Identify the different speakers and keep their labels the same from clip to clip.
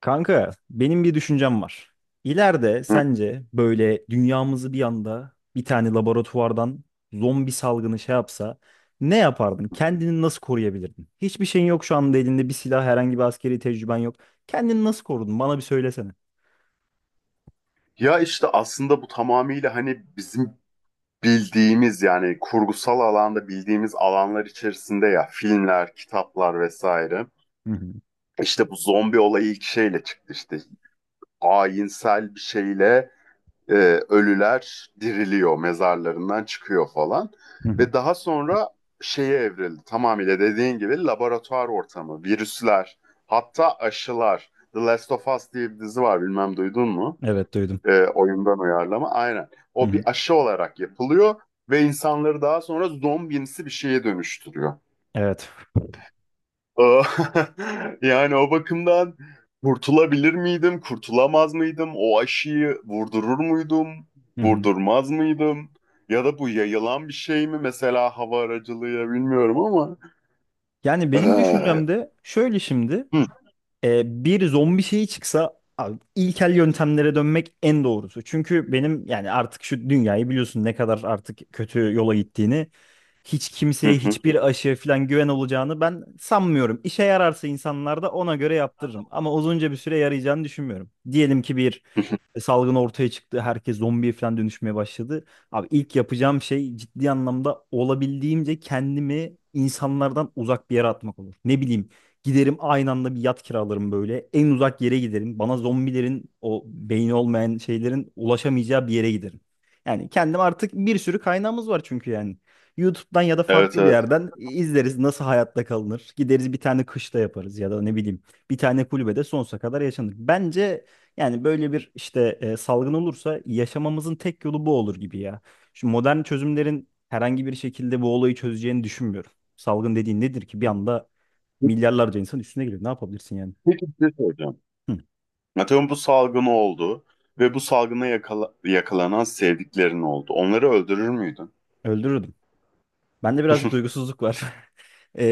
Speaker 1: Kanka, benim bir düşüncem var. İleride
Speaker 2: Hı.
Speaker 1: sence böyle dünyamızı bir anda bir tane laboratuvardan zombi salgını şey yapsa ne yapardın? Kendini nasıl koruyabilirdin? Hiçbir şeyin yok şu anda elinde bir silah, herhangi bir askeri tecrüben yok. Kendini nasıl korudun? Bana bir söylesene.
Speaker 2: Ya işte aslında bu tamamıyla hani bizim bildiğimiz, yani kurgusal alanda bildiğimiz alanlar içerisinde, ya filmler, kitaplar vesaire.
Speaker 1: Hı hı.
Speaker 2: İşte bu zombi olayı ilk şeyle çıktı, işte ayinsel bir şeyle e, ölüler diriliyor, mezarlarından çıkıyor falan.
Speaker 1: Hı hı.
Speaker 2: Ve daha sonra şeye evrildi, tamamıyla dediğin gibi laboratuvar ortamı, virüsler, hatta aşılar. The Last of Us diye bir dizi var, bilmem duydun mu?
Speaker 1: Evet duydum.
Speaker 2: Oyundan uyarlama aynen.
Speaker 1: Hı
Speaker 2: O
Speaker 1: hı.
Speaker 2: bir aşı olarak yapılıyor ve insanları daha sonra zombimsi bir şeye dönüştürüyor.
Speaker 1: Evet.
Speaker 2: Ee, Yani o bakımdan kurtulabilir miydim, kurtulamaz mıydım? O aşıyı vurdurur muydum,
Speaker 1: Hı hı.
Speaker 2: vurdurmaz mıydım? Ya da bu yayılan bir şey mi? Mesela hava aracılığıyla, bilmiyorum ama.
Speaker 1: Yani benim
Speaker 2: Ee,
Speaker 1: düşüncem de şöyle şimdi.
Speaker 2: hı,
Speaker 1: E, bir zombi şeyi çıksa abi, ilkel yöntemlere dönmek en doğrusu. Çünkü benim yani artık şu dünyayı biliyorsun ne kadar artık kötü yola gittiğini. Hiç
Speaker 2: hı, hı,
Speaker 1: kimseye
Speaker 2: hı.
Speaker 1: hiçbir aşı falan güven olacağını ben sanmıyorum. İşe yararsa insanlar da ona göre yaptırırım. Ama uzunca bir süre yarayacağını düşünmüyorum. Diyelim ki bir salgın ortaya çıktı. Herkes zombiye falan dönüşmeye başladı. Abi ilk yapacağım şey ciddi anlamda olabildiğimce kendimi insanlardan uzak bir yere atmak olur. Ne bileyim, giderim aynı anda bir yat kiralarım böyle. En uzak yere giderim. Bana zombilerin o beyni olmayan şeylerin ulaşamayacağı bir yere giderim. Yani kendim artık bir sürü kaynağımız var çünkü yani. YouTube'dan ya da
Speaker 2: Evet,
Speaker 1: farklı bir
Speaker 2: evet.
Speaker 1: yerden izleriz nasıl hayatta kalınır. Gideriz bir tane kışla yaparız ya da ne bileyim bir tane kulübede sonsuza kadar yaşanır. Bence yani böyle bir işte salgın olursa yaşamamızın tek yolu bu olur gibi ya. Şu modern çözümlerin herhangi bir şekilde bu olayı çözeceğini düşünmüyorum. Salgın dediğin nedir ki? Bir anda milyarlarca insan üstüne geliyor. Ne yapabilirsin yani?
Speaker 2: Peki, bir şey soracağım.
Speaker 1: Hı,
Speaker 2: Atıyorum, bu salgın oldu ve bu salgına yakalanan sevdiklerin oldu. Onları öldürür müydün?
Speaker 1: öldürürdüm. Bende birazcık duygusuzluk var. Ee,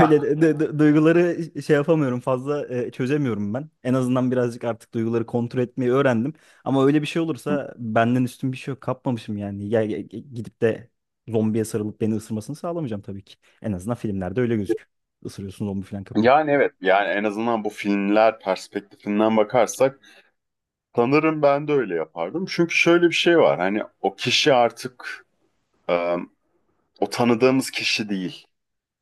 Speaker 1: Öyle duyguları şey yapamıyorum fazla, çözemiyorum ben. En azından birazcık artık duyguları kontrol etmeyi öğrendim. Ama öyle bir şey olursa benden üstün bir şey yok. Kapmamışım yani. Gidip de zombiye sarılıp beni ısırmasını sağlamayacağım tabii ki. En azından filmlerde öyle gözüküyor. Isırıyorsun zombi falan kapıyor.
Speaker 2: Yani evet, yani en azından bu filmler perspektifinden bakarsak sanırım ben de öyle yapardım. Çünkü şöyle bir şey var, hani o kişi artık, e, o tanıdığımız kişi değil.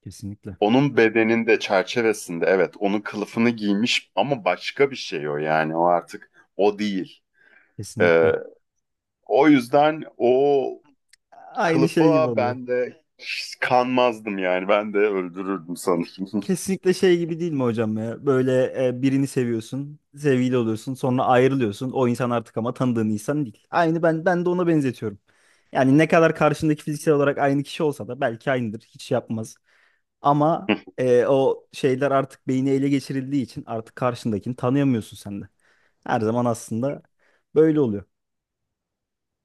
Speaker 1: Kesinlikle.
Speaker 2: Onun bedeninde, çerçevesinde, evet, onun kılıfını giymiş ama başka bir şey o, yani o artık o değil. E,
Speaker 1: Kesinlikle.
Speaker 2: O yüzden o
Speaker 1: Aynı şey gibi
Speaker 2: kılıfa
Speaker 1: oluyor.
Speaker 2: ben de kanmazdım yani. Ben de öldürürdüm sanırım.
Speaker 1: Kesinlikle şey gibi değil mi hocam ya? Böyle, birini seviyorsun, sevgili oluyorsun, sonra ayrılıyorsun. O insan artık ama tanıdığın insan değil. Aynı ben de ona benzetiyorum. Yani ne kadar karşındaki fiziksel olarak aynı kişi olsa da belki aynıdır, hiç şey yapmaz. Ama o şeyler artık beyni ele geçirildiği için artık karşındakini tanıyamıyorsun sen de. Her zaman aslında böyle oluyor.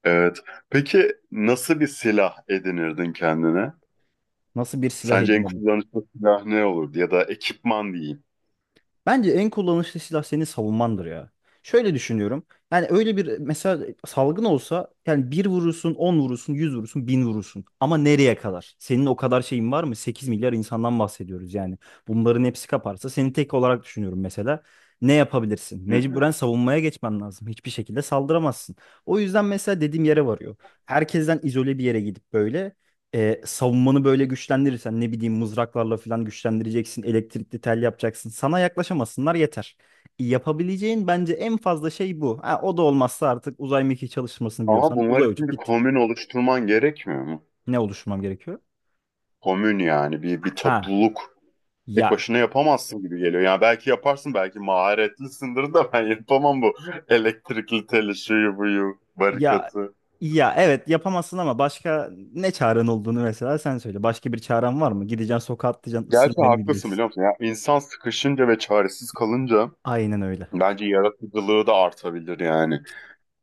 Speaker 2: Evet. Peki, nasıl bir silah edinirdin kendine?
Speaker 1: Nasıl bir silah
Speaker 2: Sence en
Speaker 1: edinirim?
Speaker 2: kullanışlı silah ne olurdu? Ya da ekipman diyeyim.
Speaker 1: Bence en kullanışlı silah senin savunmandır ya. Şöyle düşünüyorum. Yani öyle bir mesela salgın olsa yani bir vurursun, 10 vurursun, 100 vurursun, 1000 vurursun. Ama nereye kadar? Senin o kadar şeyin var mı? 8 milyar insandan bahsediyoruz yani. Bunların hepsi kaparsa seni tek olarak düşünüyorum mesela. Ne yapabilirsin?
Speaker 2: Hı.
Speaker 1: Mecburen savunmaya geçmen lazım. Hiçbir şekilde saldıramazsın. O yüzden mesela dediğim yere varıyor. Herkesten izole bir yere gidip böyle savunmanı böyle güçlendirirsen ne bileyim mızraklarla falan güçlendireceksin, elektrikli tel yapacaksın. Sana yaklaşamasınlar yeter. Yapabileceğin bence en fazla şey bu. Ha, o da olmazsa artık uzay mekiği çalışmasını
Speaker 2: Ama
Speaker 1: biliyorsan
Speaker 2: bunlar
Speaker 1: uzay
Speaker 2: için
Speaker 1: uçup
Speaker 2: bir
Speaker 1: git.
Speaker 2: komün oluşturman gerekmiyor mu?
Speaker 1: Ne oluşturmam gerekiyor?
Speaker 2: Komün, yani bir
Speaker 1: Ha,
Speaker 2: topluluk.
Speaker 1: ya,
Speaker 2: Tek başına yapamazsın gibi geliyor. Yani belki yaparsın, belki maharetlisindir de ben yapamam bu elektrikli teli, şuyu buyu,
Speaker 1: ya
Speaker 2: barikatı.
Speaker 1: evet yapamazsın ama başka ne çaren olduğunu mesela sen söyle. Başka bir çaren var mı? Gideceksin sokağa atlayacaksın ısırın
Speaker 2: Gerçi
Speaker 1: beni mi
Speaker 2: haklısın,
Speaker 1: diyeceksin?
Speaker 2: biliyor musun? Ya, insan sıkışınca ve çaresiz kalınca
Speaker 1: Aynen öyle.
Speaker 2: bence yaratıcılığı da artabilir yani.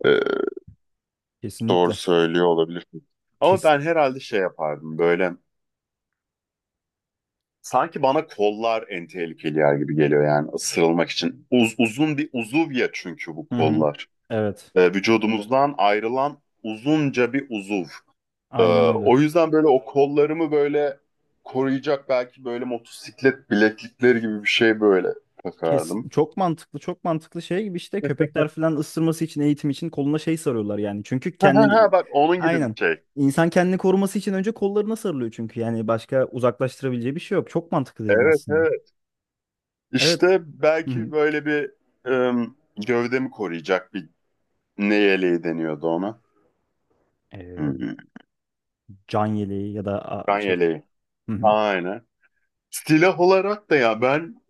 Speaker 2: Ee, doğru
Speaker 1: Kesinlikle.
Speaker 2: söylüyor olabilirsin. Ama
Speaker 1: Kesin.
Speaker 2: ben herhalde şey yapardım böyle. Sanki bana kollar en tehlikeli yer gibi geliyor, yani ısırılmak için. Uzun bir uzuv ya, çünkü bu
Speaker 1: Hı hı.
Speaker 2: kollar.
Speaker 1: Evet.
Speaker 2: Vücudumuzdan ayrılan uzunca bir uzuv. Ee,
Speaker 1: Aynen öyle.
Speaker 2: o yüzden böyle o kollarımı böyle koruyacak belki böyle motosiklet bileklikleri gibi bir şey böyle
Speaker 1: Kesin,
Speaker 2: takardım.
Speaker 1: çok mantıklı, çok mantıklı, şey gibi işte köpekler falan ısırması için eğitim için koluna şey sarıyorlar yani. Çünkü
Speaker 2: Ha ha ha,
Speaker 1: kendini,
Speaker 2: bak onun gibi bir
Speaker 1: aynen,
Speaker 2: şey.
Speaker 1: insan kendini koruması için önce kollarına sarılıyor çünkü yani başka uzaklaştırabileceği bir şey yok. Çok mantıklı dedin
Speaker 2: Evet,
Speaker 1: aslında.
Speaker 2: evet.
Speaker 1: Evet.
Speaker 2: İşte
Speaker 1: Hı hı.
Speaker 2: belki böyle bir ım, gövdemi koruyacak bir, ne yeleği deniyordu ona.
Speaker 1: Ee,
Speaker 2: Hmm,
Speaker 1: Can yeleği ya da, a,
Speaker 2: Kan
Speaker 1: şey.
Speaker 2: yeleği.
Speaker 1: Hı hı.
Speaker 2: Aynen. Silah olarak da ya ben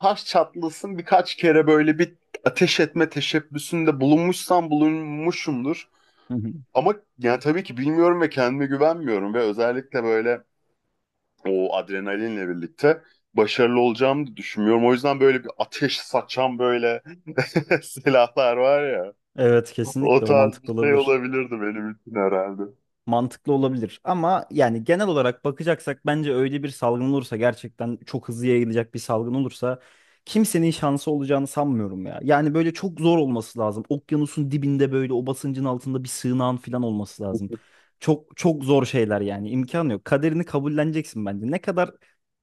Speaker 2: taş çatlasın birkaç kere böyle bir ateş etme teşebbüsünde bulunmuşsam bulunmuşumdur.
Speaker 1: Hı hı.
Speaker 2: Ama yani tabii ki bilmiyorum ve kendime güvenmiyorum ve özellikle böyle o adrenalinle birlikte başarılı olacağımı düşünmüyorum. O yüzden böyle bir ateş saçan böyle silahlar var ya.
Speaker 1: Evet
Speaker 2: O
Speaker 1: kesinlikle o
Speaker 2: tarz bir
Speaker 1: mantıklı
Speaker 2: şey
Speaker 1: olabilir.
Speaker 2: olabilirdi benim için herhalde.
Speaker 1: Mantıklı olabilir ama yani genel olarak bakacaksak bence öyle bir salgın olursa gerçekten çok hızlı yayılacak bir salgın olursa kimsenin şansı olacağını sanmıyorum ya. Yani böyle çok zor olması lazım. Okyanusun dibinde böyle o basıncın altında bir sığınağın falan olması lazım. Çok çok zor şeyler yani imkan yok. Kaderini kabulleneceksin bence. Ne kadar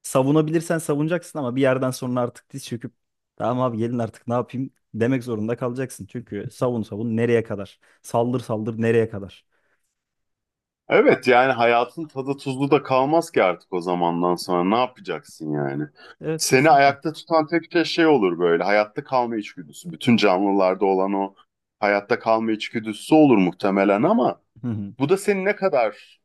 Speaker 1: savunabilirsen savunacaksın ama bir yerden sonra artık diz çöküp tamam abi gelin artık ne yapayım demek zorunda kalacaksın. Çünkü savun savun nereye kadar? Saldır saldır nereye kadar?
Speaker 2: Evet, yani hayatın tadı tuzlu da kalmaz ki artık o zamandan sonra. Ne yapacaksın yani?
Speaker 1: Evet
Speaker 2: Seni
Speaker 1: kesinlikle.
Speaker 2: ayakta tutan tek şey şey olur böyle. Hayatta kalma içgüdüsü. Bütün canlılarda olan o hayatta kalma içgüdüsü olur muhtemelen ama
Speaker 1: Hı hı,
Speaker 2: bu da seni ne kadar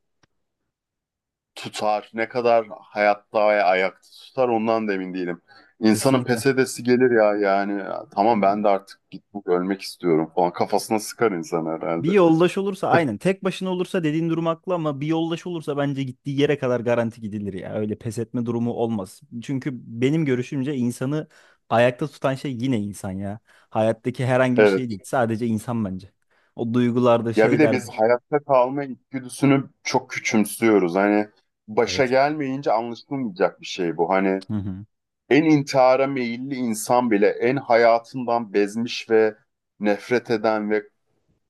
Speaker 2: tutar, ne kadar hayatta ve ayakta tutar ondan da emin değilim. İnsanın
Speaker 1: kesinlikle.
Speaker 2: pes edesi gelir ya, yani tamam ben de artık, git bu, ölmek istiyorum falan, kafasına sıkar insan
Speaker 1: Bir
Speaker 2: herhalde.
Speaker 1: yoldaş olursa aynen. Tek başına olursa dediğin durum haklı ama bir yoldaş olursa bence gittiği yere kadar garanti gidilir ya. Öyle pes etme durumu olmaz. Çünkü benim görüşümce insanı ayakta tutan şey yine insan ya. Hayattaki herhangi bir şey
Speaker 2: Evet.
Speaker 1: değil. Sadece insan bence. O duygulardır,
Speaker 2: Ya bir de biz
Speaker 1: şeylerdir.
Speaker 2: hayatta kalma içgüdüsünü çok küçümsüyoruz. Hani başa
Speaker 1: Evet.
Speaker 2: gelmeyince anlaşılmayacak bir şey bu. Hani
Speaker 1: Hı hı.
Speaker 2: en intihara meyilli insan bile, en hayatından bezmiş ve nefret eden ve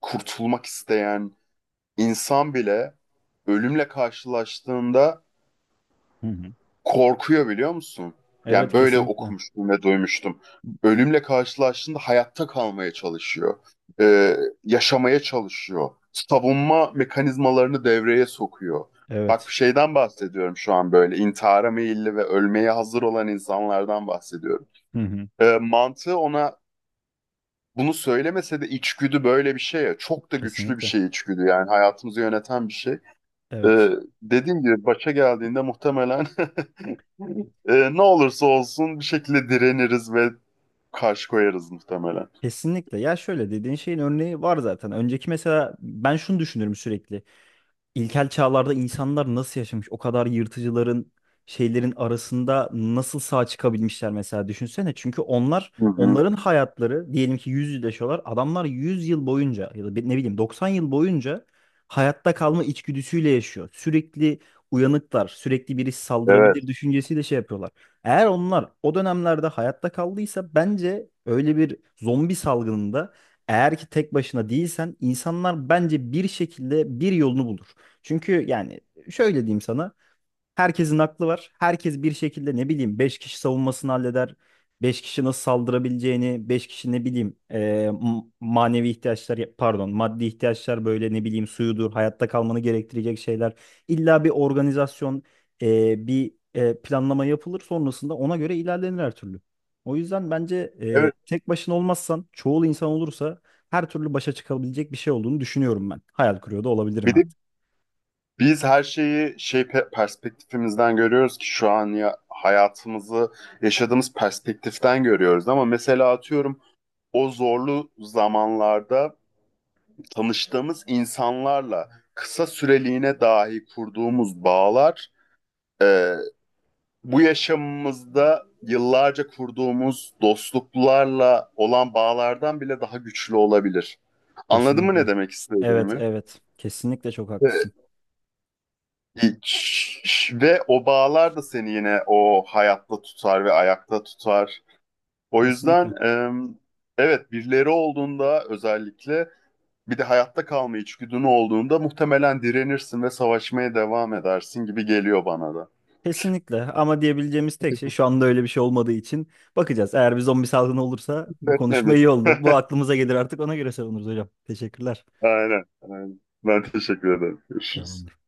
Speaker 2: kurtulmak isteyen insan bile ölümle karşılaştığında
Speaker 1: Hı hı.
Speaker 2: korkuyor, biliyor musun? Yani
Speaker 1: Evet
Speaker 2: böyle
Speaker 1: kesinlikle.
Speaker 2: okumuştum ve duymuştum. Ölümle karşılaştığında hayatta kalmaya çalışıyor. Ee, yaşamaya çalışıyor. Savunma mekanizmalarını devreye sokuyor. Bak,
Speaker 1: Evet.
Speaker 2: bir şeyden bahsediyorum şu an böyle. İntihara meyilli ve ölmeye hazır olan insanlardan bahsediyorum.
Speaker 1: Hı hı.
Speaker 2: Mantığı ona bunu söylemese de içgüdü böyle bir şey ya. Çok da güçlü bir
Speaker 1: Kesinlikle.
Speaker 2: şey içgüdü, yani hayatımızı yöneten bir şey. Ee,
Speaker 1: Evet.
Speaker 2: dediğim gibi başa geldiğinde muhtemelen ne olursa olsun bir şekilde direniriz ve karşı koyarız muhtemelen.
Speaker 1: Kesinlikle. Ya şöyle dediğin şeyin örneği var zaten. Önceki, mesela ben şunu düşünürüm sürekli. İlkel çağlarda insanlar nasıl yaşamış? O kadar yırtıcıların şeylerin arasında nasıl sağ çıkabilmişler mesela düşünsene. Çünkü onlar,
Speaker 2: Hı hı.
Speaker 1: onların hayatları diyelim ki 100 yıl yaşıyorlar. Adamlar 100 yıl boyunca ya da ne bileyim 90 yıl boyunca hayatta kalma içgüdüsüyle yaşıyor. Sürekli uyanıklar, sürekli birisi
Speaker 2: Evet.
Speaker 1: saldırabilir düşüncesiyle şey yapıyorlar. Eğer onlar o dönemlerde hayatta kaldıysa bence öyle bir zombi salgınında eğer ki tek başına değilsen insanlar bence bir şekilde bir yolunu bulur. Çünkü yani şöyle diyeyim sana. Herkesin aklı var. Herkes bir şekilde, ne bileyim, 5 kişi savunmasını halleder. Beş kişi nasıl saldırabileceğini, 5 kişi, ne bileyim, manevi ihtiyaçlar, pardon, maddi ihtiyaçlar, böyle ne bileyim suyudur, hayatta kalmanı gerektirecek şeyler. İlla bir organizasyon, bir planlama yapılır sonrasında ona göre ilerlenir her türlü. O yüzden bence
Speaker 2: Evet.
Speaker 1: tek başına olmazsan, çoğul insan olursa her türlü başa çıkabilecek bir şey olduğunu düşünüyorum ben. Hayal kuruyor da olabilirim
Speaker 2: Bir de
Speaker 1: artık.
Speaker 2: biz her şeyi şey, perspektifimizden görüyoruz ki şu an ya hayatımızı yaşadığımız perspektiften görüyoruz, ama mesela atıyorum o zorlu zamanlarda tanıştığımız insanlarla kısa süreliğine dahi kurduğumuz bağlar, e, bu yaşamımızda yıllarca kurduğumuz dostluklarla olan bağlardan bile daha güçlü olabilir. Anladın mı ne
Speaker 1: Kesinlikle.
Speaker 2: demek
Speaker 1: Evet,
Speaker 2: istediğimi?
Speaker 1: evet. Kesinlikle çok haklısın.
Speaker 2: Ee, Ve o bağlar da seni yine o hayatta tutar ve ayakta tutar. O
Speaker 1: Kesinlikle.
Speaker 2: yüzden evet, birileri olduğunda, özellikle bir de hayatta kalma içgüdün olduğunda muhtemelen direnirsin ve savaşmaya devam edersin gibi geliyor bana da.
Speaker 1: Kesinlikle. Ama diyebileceğimiz tek şey şu anda öyle bir şey olmadığı için bakacağız. Eğer bir zombi salgını olursa bu konuşma
Speaker 2: Etmemiz.
Speaker 1: iyi oldu. Bu aklımıza gelir artık, ona göre savunuruz hocam. Teşekkürler.
Speaker 2: Aynen, aynen. Ben teşekkür ederim. Görüşürüz.
Speaker 1: Tamamdır.